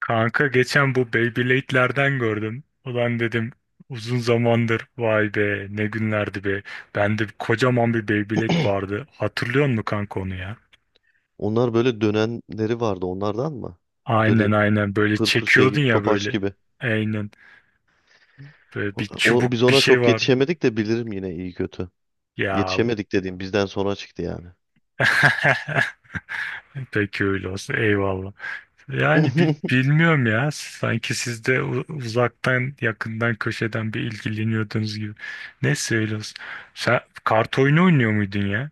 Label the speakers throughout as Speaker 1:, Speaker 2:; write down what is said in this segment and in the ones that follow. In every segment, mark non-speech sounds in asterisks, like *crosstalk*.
Speaker 1: Kanka geçen bu Beyblade'lerden gördüm. Ulan dedim uzun zamandır vay be ne günlerdi be. Bende kocaman bir Beyblade vardı. Hatırlıyor musun kanka onu ya?
Speaker 2: Onlar böyle dönenleri vardı onlardan mı?
Speaker 1: Aynen
Speaker 2: Böyle
Speaker 1: aynen böyle
Speaker 2: pır pır şey
Speaker 1: çekiyordun
Speaker 2: gibi
Speaker 1: ya
Speaker 2: topaç
Speaker 1: böyle.
Speaker 2: gibi.
Speaker 1: Aynen böyle
Speaker 2: O,
Speaker 1: bir
Speaker 2: o- biz
Speaker 1: çubuk bir
Speaker 2: ona
Speaker 1: şey
Speaker 2: çok
Speaker 1: var.
Speaker 2: yetişemedik de bilirim yine iyi kötü.
Speaker 1: Ya
Speaker 2: Yetişemedik dediğim bizden sonra çıktı yani.
Speaker 1: *laughs* peki öyle olsun, eyvallah. Yani
Speaker 2: *laughs*
Speaker 1: bilmiyorum ya, sanki siz de uzaktan yakından köşeden bir ilgileniyordunuz gibi. Neyse öyle olsun. Sen kart oyunu oynuyor muydun ya?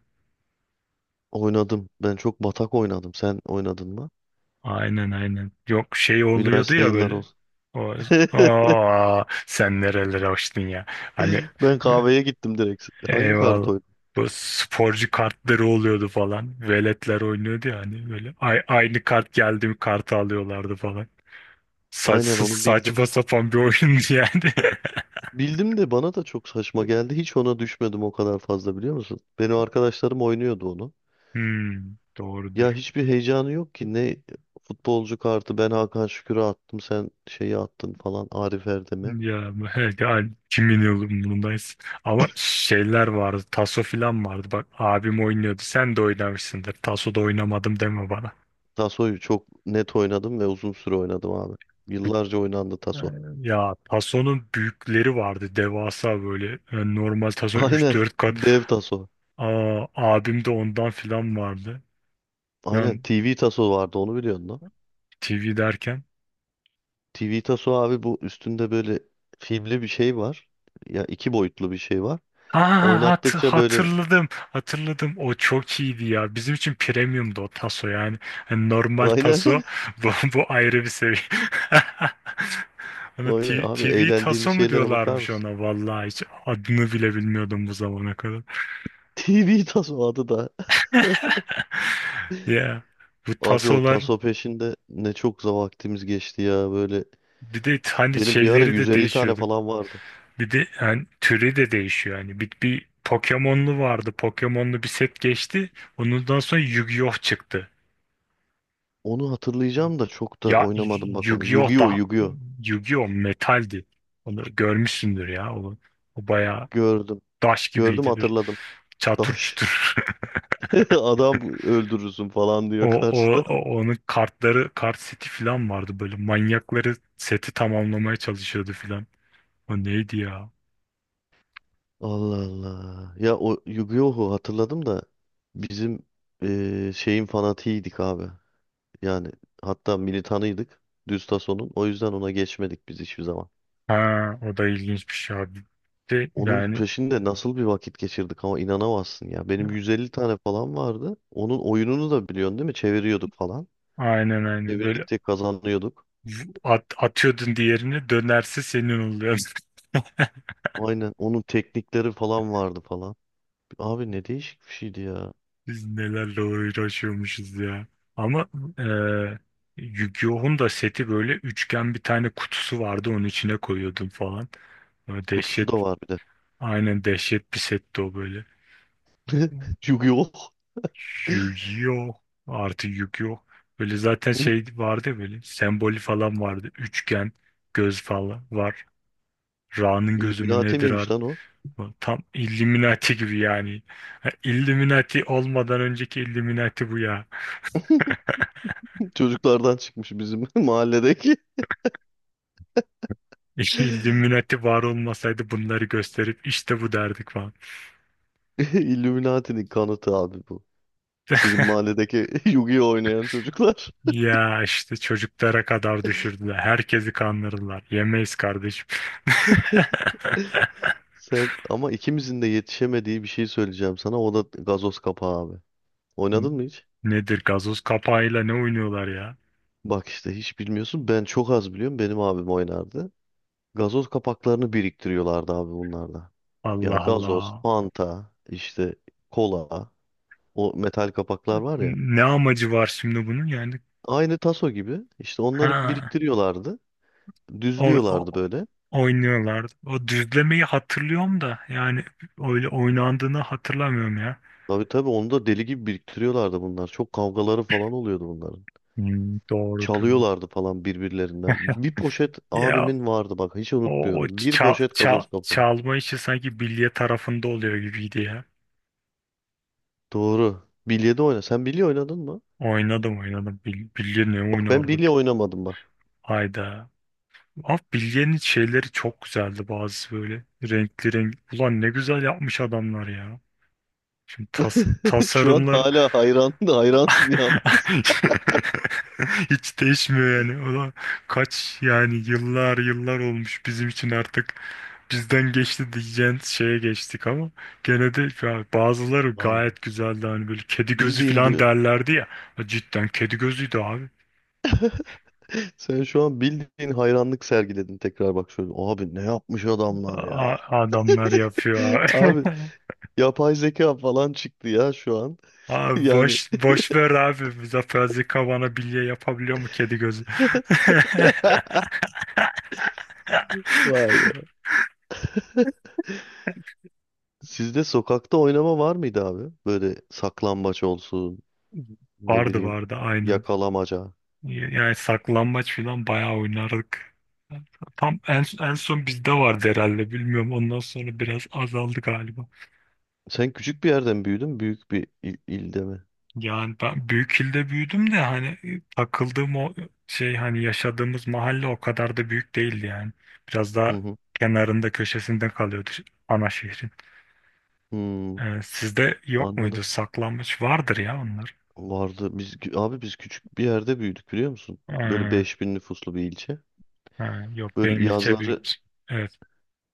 Speaker 2: Oynadım. Ben çok batak oynadım. Sen oynadın mı?
Speaker 1: Aynen. Yok şey oluyordu
Speaker 2: Üniversite
Speaker 1: ya
Speaker 2: yılları
Speaker 1: böyle.
Speaker 2: olsun.
Speaker 1: O,
Speaker 2: *laughs*
Speaker 1: sen nerelere açtın ya. Hani
Speaker 2: Ben kahveye gittim direkt. Hangi kart
Speaker 1: eyvallah.
Speaker 2: oynadım?
Speaker 1: Bu sporcu kartları oluyordu falan. Veletler oynuyordu ya hani böyle. Ay, aynı kart geldi mi kartı alıyorlardı falan.
Speaker 2: Aynen onu bildim.
Speaker 1: Saçma sapan bir oyundu yani. *laughs*
Speaker 2: Bildim de bana da çok saçma geldi. Hiç ona düşmedim o kadar fazla biliyor musun? Benim arkadaşlarım oynuyordu onu.
Speaker 1: Hmm,
Speaker 2: Ya
Speaker 1: doğrudur.
Speaker 2: hiçbir heyecanı yok ki. Ne futbolcu kartı, ben Hakan Şükür'ü attım, sen şeyi attın falan, Arif Erdem'e.
Speaker 1: Ya evet ya, kimin umurundayız. Ama şeyler vardı. Taso filan vardı. Bak abim oynuyordu. Sen de oynamışsındır. Taso da oynamadım deme bana.
Speaker 2: Taso'yu çok net oynadım ve uzun süre oynadım abi. Yıllarca oynandı
Speaker 1: Ee,
Speaker 2: Taso.
Speaker 1: Ya Tason'un büyükleri vardı, devasa böyle. Yani normal Tason
Speaker 2: *laughs* Aynen,
Speaker 1: 3-4 kat.
Speaker 2: dev Taso.
Speaker 1: Aa, abim de ondan filan vardı.
Speaker 2: Aynen,
Speaker 1: Yani
Speaker 2: TV Taso vardı, onu biliyorsun lan.
Speaker 1: TV derken,
Speaker 2: TV Taso abi, bu üstünde böyle filmli bir şey var. Ya iki boyutlu bir şey var.
Speaker 1: aa,
Speaker 2: Oynattıkça böyle
Speaker 1: hatırladım. Hatırladım. O çok iyiydi ya. Bizim için premiumdu o taso yani. Hani normal
Speaker 2: *laughs*
Speaker 1: taso
Speaker 2: aynen
Speaker 1: *laughs* bu, bu ayrı bir seviye. *laughs* Hani
Speaker 2: aynen abi,
Speaker 1: TV
Speaker 2: eğlendiğimiz
Speaker 1: taso mu
Speaker 2: şeylere bakar
Speaker 1: diyorlarmış
Speaker 2: mısın?
Speaker 1: ona, vallahi hiç adını bile bilmiyordum bu zamana kadar.
Speaker 2: TV Taso adı da. *laughs*
Speaker 1: *laughs* Ya bu
Speaker 2: Abi o
Speaker 1: tasolar
Speaker 2: taso peşinde ne çok vaktimiz geçti ya böyle.
Speaker 1: bir de hani
Speaker 2: Benim bir ara
Speaker 1: şeyleri de
Speaker 2: 150 tane
Speaker 1: değişiyordu.
Speaker 2: falan vardı.
Speaker 1: Bir de hani türü de değişiyor yani. Bir Pokemon'lu vardı. Pokemon'lu bir set geçti. Ondan sonra Yu-Gi-Oh çıktı.
Speaker 2: Onu hatırlayacağım da çok da
Speaker 1: Ya
Speaker 2: oynamadım bak onu.
Speaker 1: Yu-Gi-Oh
Speaker 2: Yu-Gi-Oh!
Speaker 1: da,
Speaker 2: Yu-Gi-Oh!
Speaker 1: Yu-Gi-Oh metaldi. Onu görmüşsündür ya. O bayağı
Speaker 2: Gördüm.
Speaker 1: taş
Speaker 2: Gördüm,
Speaker 1: gibiydi, bir
Speaker 2: hatırladım.
Speaker 1: çatır
Speaker 2: Daş.
Speaker 1: çutur. *laughs*
Speaker 2: *laughs* Adam öldürürsün falan diyor karşıda.
Speaker 1: Onun kartları kart seti falan vardı, böyle manyakları seti tamamlamaya çalışıyordu falan. O neydi ya?
Speaker 2: Allah Allah. Ya o Yu-Gi-Oh'u hatırladım da bizim şeyin fanatiydik abi. Yani hatta militanıydık. Düz tasonun. O yüzden ona geçmedik biz hiçbir zaman.
Speaker 1: Ha, o da ilginç bir şey abi. De,
Speaker 2: Onun
Speaker 1: yani
Speaker 2: peşinde nasıl bir vakit geçirdik ama inanamazsın ya. Benim 150 tane falan vardı. Onun oyununu da biliyorsun değil mi? Çeviriyorduk falan.
Speaker 1: aynen böyle
Speaker 2: Çevirdikçe kazanıyorduk.
Speaker 1: atıyordun, diğerini dönerse senin oluyor. *laughs*
Speaker 2: Aynen. Onun teknikleri falan vardı falan. Abi ne değişik bir şeydi ya.
Speaker 1: Biz nelerle uğraşıyormuşuz ya. Ama eee Yu-Gi-Oh'un da seti böyle üçgen bir tane kutusu vardı, onun içine koyuyordum falan. Böyle
Speaker 2: Kutusu
Speaker 1: dehşet,
Speaker 2: da var bir de.
Speaker 1: aynen dehşet bir setti o böyle.
Speaker 2: *laughs* Yu-Gi-Oh!
Speaker 1: Yu-Gi-Oh artı Yu-Gi-Oh. Böyle zaten şey
Speaker 2: *laughs*
Speaker 1: vardı ya, böyle sembolü falan vardı. Üçgen, göz falan var. Ra'nın gözü mü
Speaker 2: Illuminati
Speaker 1: nedir
Speaker 2: miymiş
Speaker 1: artık?
Speaker 2: lan o?
Speaker 1: Tam Illuminati gibi yani. Ha, Illuminati olmadan önceki Illuminati bu ya.
Speaker 2: *laughs* Çocuklardan çıkmış bizim *laughs* mahalledeki.
Speaker 1: *laughs*
Speaker 2: *laughs*
Speaker 1: İlluminati var olmasaydı bunları gösterip işte bu derdik falan.
Speaker 2: Illuminati'nin kanıtı abi bu. Sizin
Speaker 1: *laughs*
Speaker 2: mahalledeki *laughs* Yu-Gi-Oh oynayan çocuklar.
Speaker 1: Ya işte çocuklara kadar düşürdüler. Herkesi kandırdılar. Yemeyiz kardeşim.
Speaker 2: *laughs* Sen, ama ikimizin de yetişemediği bir şey söyleyeceğim sana. O da gazoz kapağı abi.
Speaker 1: *laughs*
Speaker 2: Oynadın mı hiç?
Speaker 1: Nedir gazoz kapağıyla ne oynuyorlar ya?
Speaker 2: Bak işte hiç bilmiyorsun. Ben çok az biliyorum. Benim abim oynardı. Gazoz kapaklarını biriktiriyorlardı abi bunlarda. Ya
Speaker 1: Allah
Speaker 2: gazoz,
Speaker 1: Allah.
Speaker 2: Fanta, işte kola, o metal kapaklar var ya.
Speaker 1: Ne amacı var şimdi bunun yani?
Speaker 2: Aynı taso gibi. İşte onları
Speaker 1: Ha,
Speaker 2: biriktiriyorlardı.
Speaker 1: o,
Speaker 2: Düzlüyorlardı
Speaker 1: o-
Speaker 2: böyle.
Speaker 1: oynuyorlardı. O düzlemeyi hatırlıyorum da yani öyle oynandığını hatırlamıyorum ya.
Speaker 2: Tabii tabii, onu da deli gibi biriktiriyorlardı bunlar. Çok kavgaları falan oluyordu bunların.
Speaker 1: Hmm, doğrudur.
Speaker 2: Çalıyorlardı falan birbirlerinden. Bir poşet
Speaker 1: Ya
Speaker 2: abimin vardı bak, hiç
Speaker 1: O
Speaker 2: unutmuyorum. Bir poşet gazoz kapağı.
Speaker 1: çalma işi sanki bilye tarafında oluyor gibiydi ya.
Speaker 2: Doğru. Bilye de oyna. Sen bilye oynadın mı?
Speaker 1: Oynadım. Bilye ne
Speaker 2: Bak, ben bilye
Speaker 1: oynardık?
Speaker 2: oynamadım bak.
Speaker 1: Hayda. Ama bilyenin şeyleri çok güzeldi bazı böyle. Renkli renk. Ulan ne güzel yapmış adamlar ya. Şimdi
Speaker 2: *laughs* Şu an
Speaker 1: tasarımlar
Speaker 2: hala hayran *laughs* hayransın yalnız.
Speaker 1: *laughs* hiç değişmiyor yani. Ulan kaç yani, yıllar olmuş bizim için artık. Bizden geçti diyeceğin şeye geçtik ama gene de ya bazıları
Speaker 2: Lan,
Speaker 1: gayet güzeldi hani, böyle kedi gözü
Speaker 2: bildiğin
Speaker 1: falan
Speaker 2: bir...
Speaker 1: derlerdi ya. Ha, cidden kedi gözüydü abi.
Speaker 2: *laughs* Sen şu an bildiğin hayranlık sergiledin tekrar bak şöyle. Abi ne yapmış adamlar ya.
Speaker 1: Adamlar yapıyor
Speaker 2: *laughs*
Speaker 1: abi.
Speaker 2: Abi,
Speaker 1: *laughs*
Speaker 2: yapay zeka falan çıktı ya şu an. *laughs*
Speaker 1: Abi
Speaker 2: Yani
Speaker 1: boş ver abi. Muzaffer Zika bilye yapabiliyor mu kedi gözü? *laughs*
Speaker 2: vay be. *laughs* Sizde sokakta oynama var mıydı abi? Böyle saklambaç olsun, ne
Speaker 1: Vardı
Speaker 2: bileyim,
Speaker 1: vardı aynen.
Speaker 2: yakalamaca.
Speaker 1: Yani saklambaç falan bayağı oynardık. Tam en son bizde vardı herhalde, bilmiyorum. Ondan sonra biraz azaldı galiba.
Speaker 2: Sen küçük bir yerden büyüdün, büyük bir ilde mi?
Speaker 1: Yani ben büyük ilde büyüdüm de hani takıldığım o şey, hani yaşadığımız mahalle o kadar da büyük değildi yani. Biraz
Speaker 2: Hı
Speaker 1: daha
Speaker 2: hı.
Speaker 1: kenarında köşesinde kalıyordu ana şehrin.
Speaker 2: Hmm,
Speaker 1: Sizde yok muydu?
Speaker 2: anladım.
Speaker 1: Saklanmış vardır ya onlar.
Speaker 2: Vardı. Biz abi biz küçük bir yerde büyüdük, biliyor musun? Böyle
Speaker 1: Ee,
Speaker 2: 5.000 nüfuslu bir ilçe.
Speaker 1: ha, yok
Speaker 2: Böyle
Speaker 1: benim ilçe büyük.
Speaker 2: yazları
Speaker 1: Evet.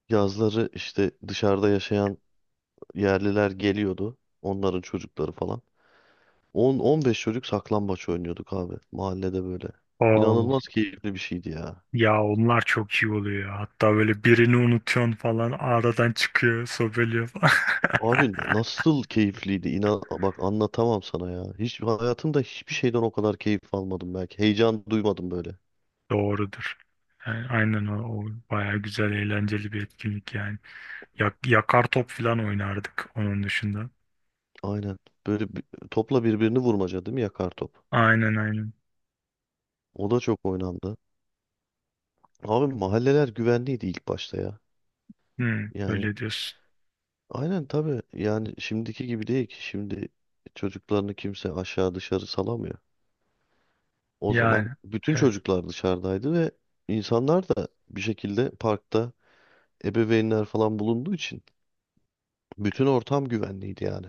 Speaker 2: yazları işte dışarıda yaşayan yerliler geliyordu. Onların çocukları falan. 10 15 çocuk saklambaç oynuyorduk abi mahallede böyle.
Speaker 1: Oo,
Speaker 2: İnanılmaz keyifli bir şeydi ya.
Speaker 1: ya onlar çok iyi oluyor ya. Hatta böyle birini unutuyorsun falan, aradan çıkıyor, sobeliyor falan. *laughs*
Speaker 2: Abi nasıl keyifliydi? İnan bak, anlatamam sana ya. Hiç hayatımda hiçbir şeyden o kadar keyif almadım belki. Heyecan duymadım böyle.
Speaker 1: Doğrudur. Yani aynen o bayağı güzel, eğlenceli bir etkinlik yani. Yakar top falan oynardık onun dışında.
Speaker 2: Aynen. Böyle bir- topla birbirini vurmaca değil mi? Yakar top.
Speaker 1: Aynen.
Speaker 2: O da çok oynandı. Abi mahalleler güvenliydi ilk başta ya.
Speaker 1: Hmm,
Speaker 2: Yani
Speaker 1: öyle diyorsun.
Speaker 2: aynen, tabii. Yani şimdiki gibi değil ki. Şimdi çocuklarını kimse aşağı dışarı salamıyor. O zaman
Speaker 1: Yani
Speaker 2: bütün
Speaker 1: evet,
Speaker 2: çocuklar dışarıdaydı ve insanlar da bir şekilde parkta, ebeveynler falan bulunduğu için bütün ortam güvenliydi yani.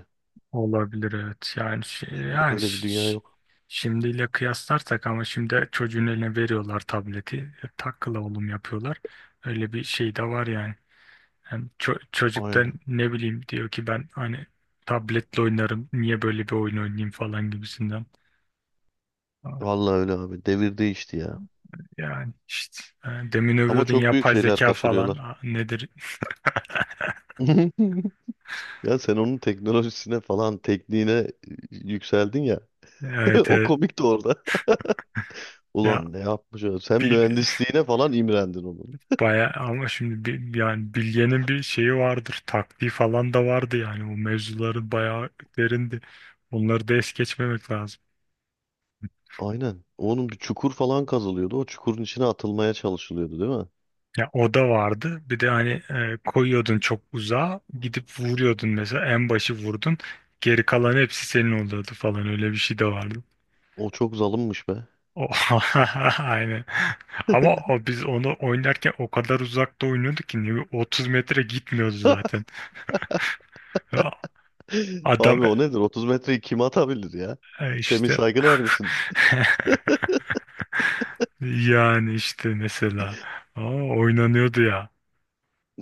Speaker 1: olabilir, evet. Yani
Speaker 2: Şimdi öyle bir dünya yok.
Speaker 1: şimdiyle kıyaslarsak, ama şimdi çocuğun eline veriyorlar tableti. E, takla oğlum yapıyorlar. Öyle bir şey de var yani. Hem çocuk da
Speaker 2: Aynen.
Speaker 1: ne bileyim diyor ki, ben hani tabletle oynarım. Niye böyle bir oyun oynayayım falan gibisinden. Ah,
Speaker 2: Vallahi öyle abi. Devir değişti ya.
Speaker 1: yani işte demin
Speaker 2: Ama
Speaker 1: övüyordun
Speaker 2: çok büyük
Speaker 1: yapay
Speaker 2: şeyler
Speaker 1: zeka falan.
Speaker 2: kaçırıyorlar.
Speaker 1: Ah, nedir? *laughs*
Speaker 2: *laughs* Ya sen onun teknolojisine falan, tekniğine yükseldin ya. *laughs*
Speaker 1: Evet,
Speaker 2: O
Speaker 1: evet.
Speaker 2: komik de orada.
Speaker 1: Ya
Speaker 2: Ulan ne yapmış o? Sen
Speaker 1: bir bir-
Speaker 2: mühendisliğine falan imrendin onun.
Speaker 1: *laughs* bayağı ama şimdi bir, yani Bilge'nin bir şeyi vardır. Taktiği falan da vardı yani. O mevzuları bayağı derindi. Onları da es geçmemek lazım.
Speaker 2: Aynen. Onun bir çukur falan kazılıyordu. O çukurun içine atılmaya çalışılıyordu değil mi?
Speaker 1: Ya o da vardı. Bir de hani koyuyordun çok uzağa gidip vuruyordun, mesela en başı vurdun. Geri kalan hepsi senin oluyordu falan, öyle bir şey de vardı.
Speaker 2: O çok zalimmiş be.
Speaker 1: O, *laughs* aynen. Ama o, biz onu oynarken o kadar uzakta oynuyorduk ki, ne bileyim, 30 metre gitmiyordu zaten. Ya
Speaker 2: *laughs*
Speaker 1: adam,
Speaker 2: Abi o nedir? 30 metreyi kim atabilir ya?
Speaker 1: ha
Speaker 2: Semih
Speaker 1: işte, *laughs*
Speaker 2: Saygıner misiniz?
Speaker 1: yani işte mesela, aa, oynanıyordu ya,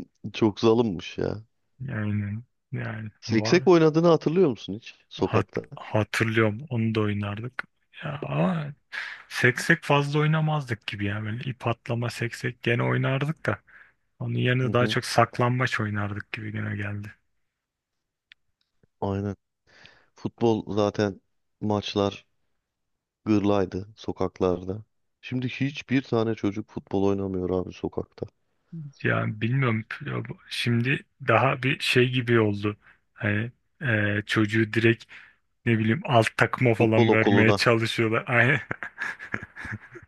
Speaker 2: *laughs* Çok zalimmiş ya.
Speaker 1: yani yani
Speaker 2: Siksek
Speaker 1: var.
Speaker 2: oynadığını hatırlıyor musun hiç
Speaker 1: Hat,
Speaker 2: sokakta?
Speaker 1: hatırlıyorum, onu da oynardık ya, ama seksek fazla oynamazdık gibi ya, böyle ip atlama, seksek gene oynardık da onun
Speaker 2: Hı
Speaker 1: yerine daha
Speaker 2: hı,
Speaker 1: çok saklambaç oynardık gibi güne geldi.
Speaker 2: aynen. Futbol zaten, maçlar gırlaydı sokaklarda. Şimdi hiçbir tane çocuk futbol oynamıyor abi sokakta.
Speaker 1: Yani bilmiyorum. Ya şimdi daha bir şey gibi oldu. Hani çocuğu direkt ne bileyim alt takıma
Speaker 2: Futbol
Speaker 1: falan vermeye
Speaker 2: okuluna.
Speaker 1: çalışıyorlar. *laughs* Aynen.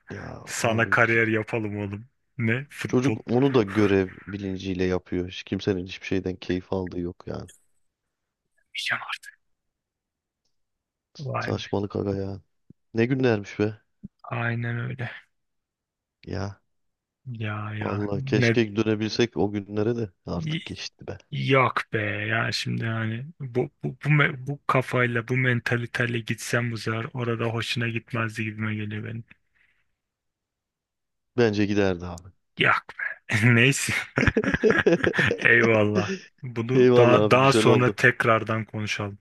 Speaker 2: Ya
Speaker 1: Sana
Speaker 2: abi ki.
Speaker 1: kariyer yapalım oğlum. Ne? Futbol.
Speaker 2: Çocuk onu da görev bilinciyle yapıyor. Hiç kimsenin hiçbir şeyden keyif aldığı yok yani.
Speaker 1: Pijama. Vay be.
Speaker 2: Saçmalık aga ya. Ne günlermiş be.
Speaker 1: Aynen öyle.
Speaker 2: Ya
Speaker 1: Ya ya
Speaker 2: vallahi
Speaker 1: ne
Speaker 2: keşke dönebilsek o günlere, de
Speaker 1: y-
Speaker 2: artık geçti be.
Speaker 1: yok be ya, şimdi hani bu kafayla bu mentaliteyle gitsem, bu sefer orada hoşuna gitmezdi gibime geliyor benim.
Speaker 2: Bence giderdi abi.
Speaker 1: Yok be. *laughs* Neyse. *laughs* Eyvallah.
Speaker 2: *laughs*
Speaker 1: Bunu
Speaker 2: Eyvallah abi,
Speaker 1: daha
Speaker 2: güzel
Speaker 1: sonra
Speaker 2: oldu.
Speaker 1: tekrardan konuşalım.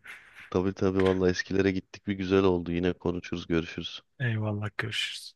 Speaker 2: Tabii tabii, vallahi eskilere gittik, bir güzel oldu. Yine konuşuruz, görüşürüz.
Speaker 1: Eyvallah, görüşürüz.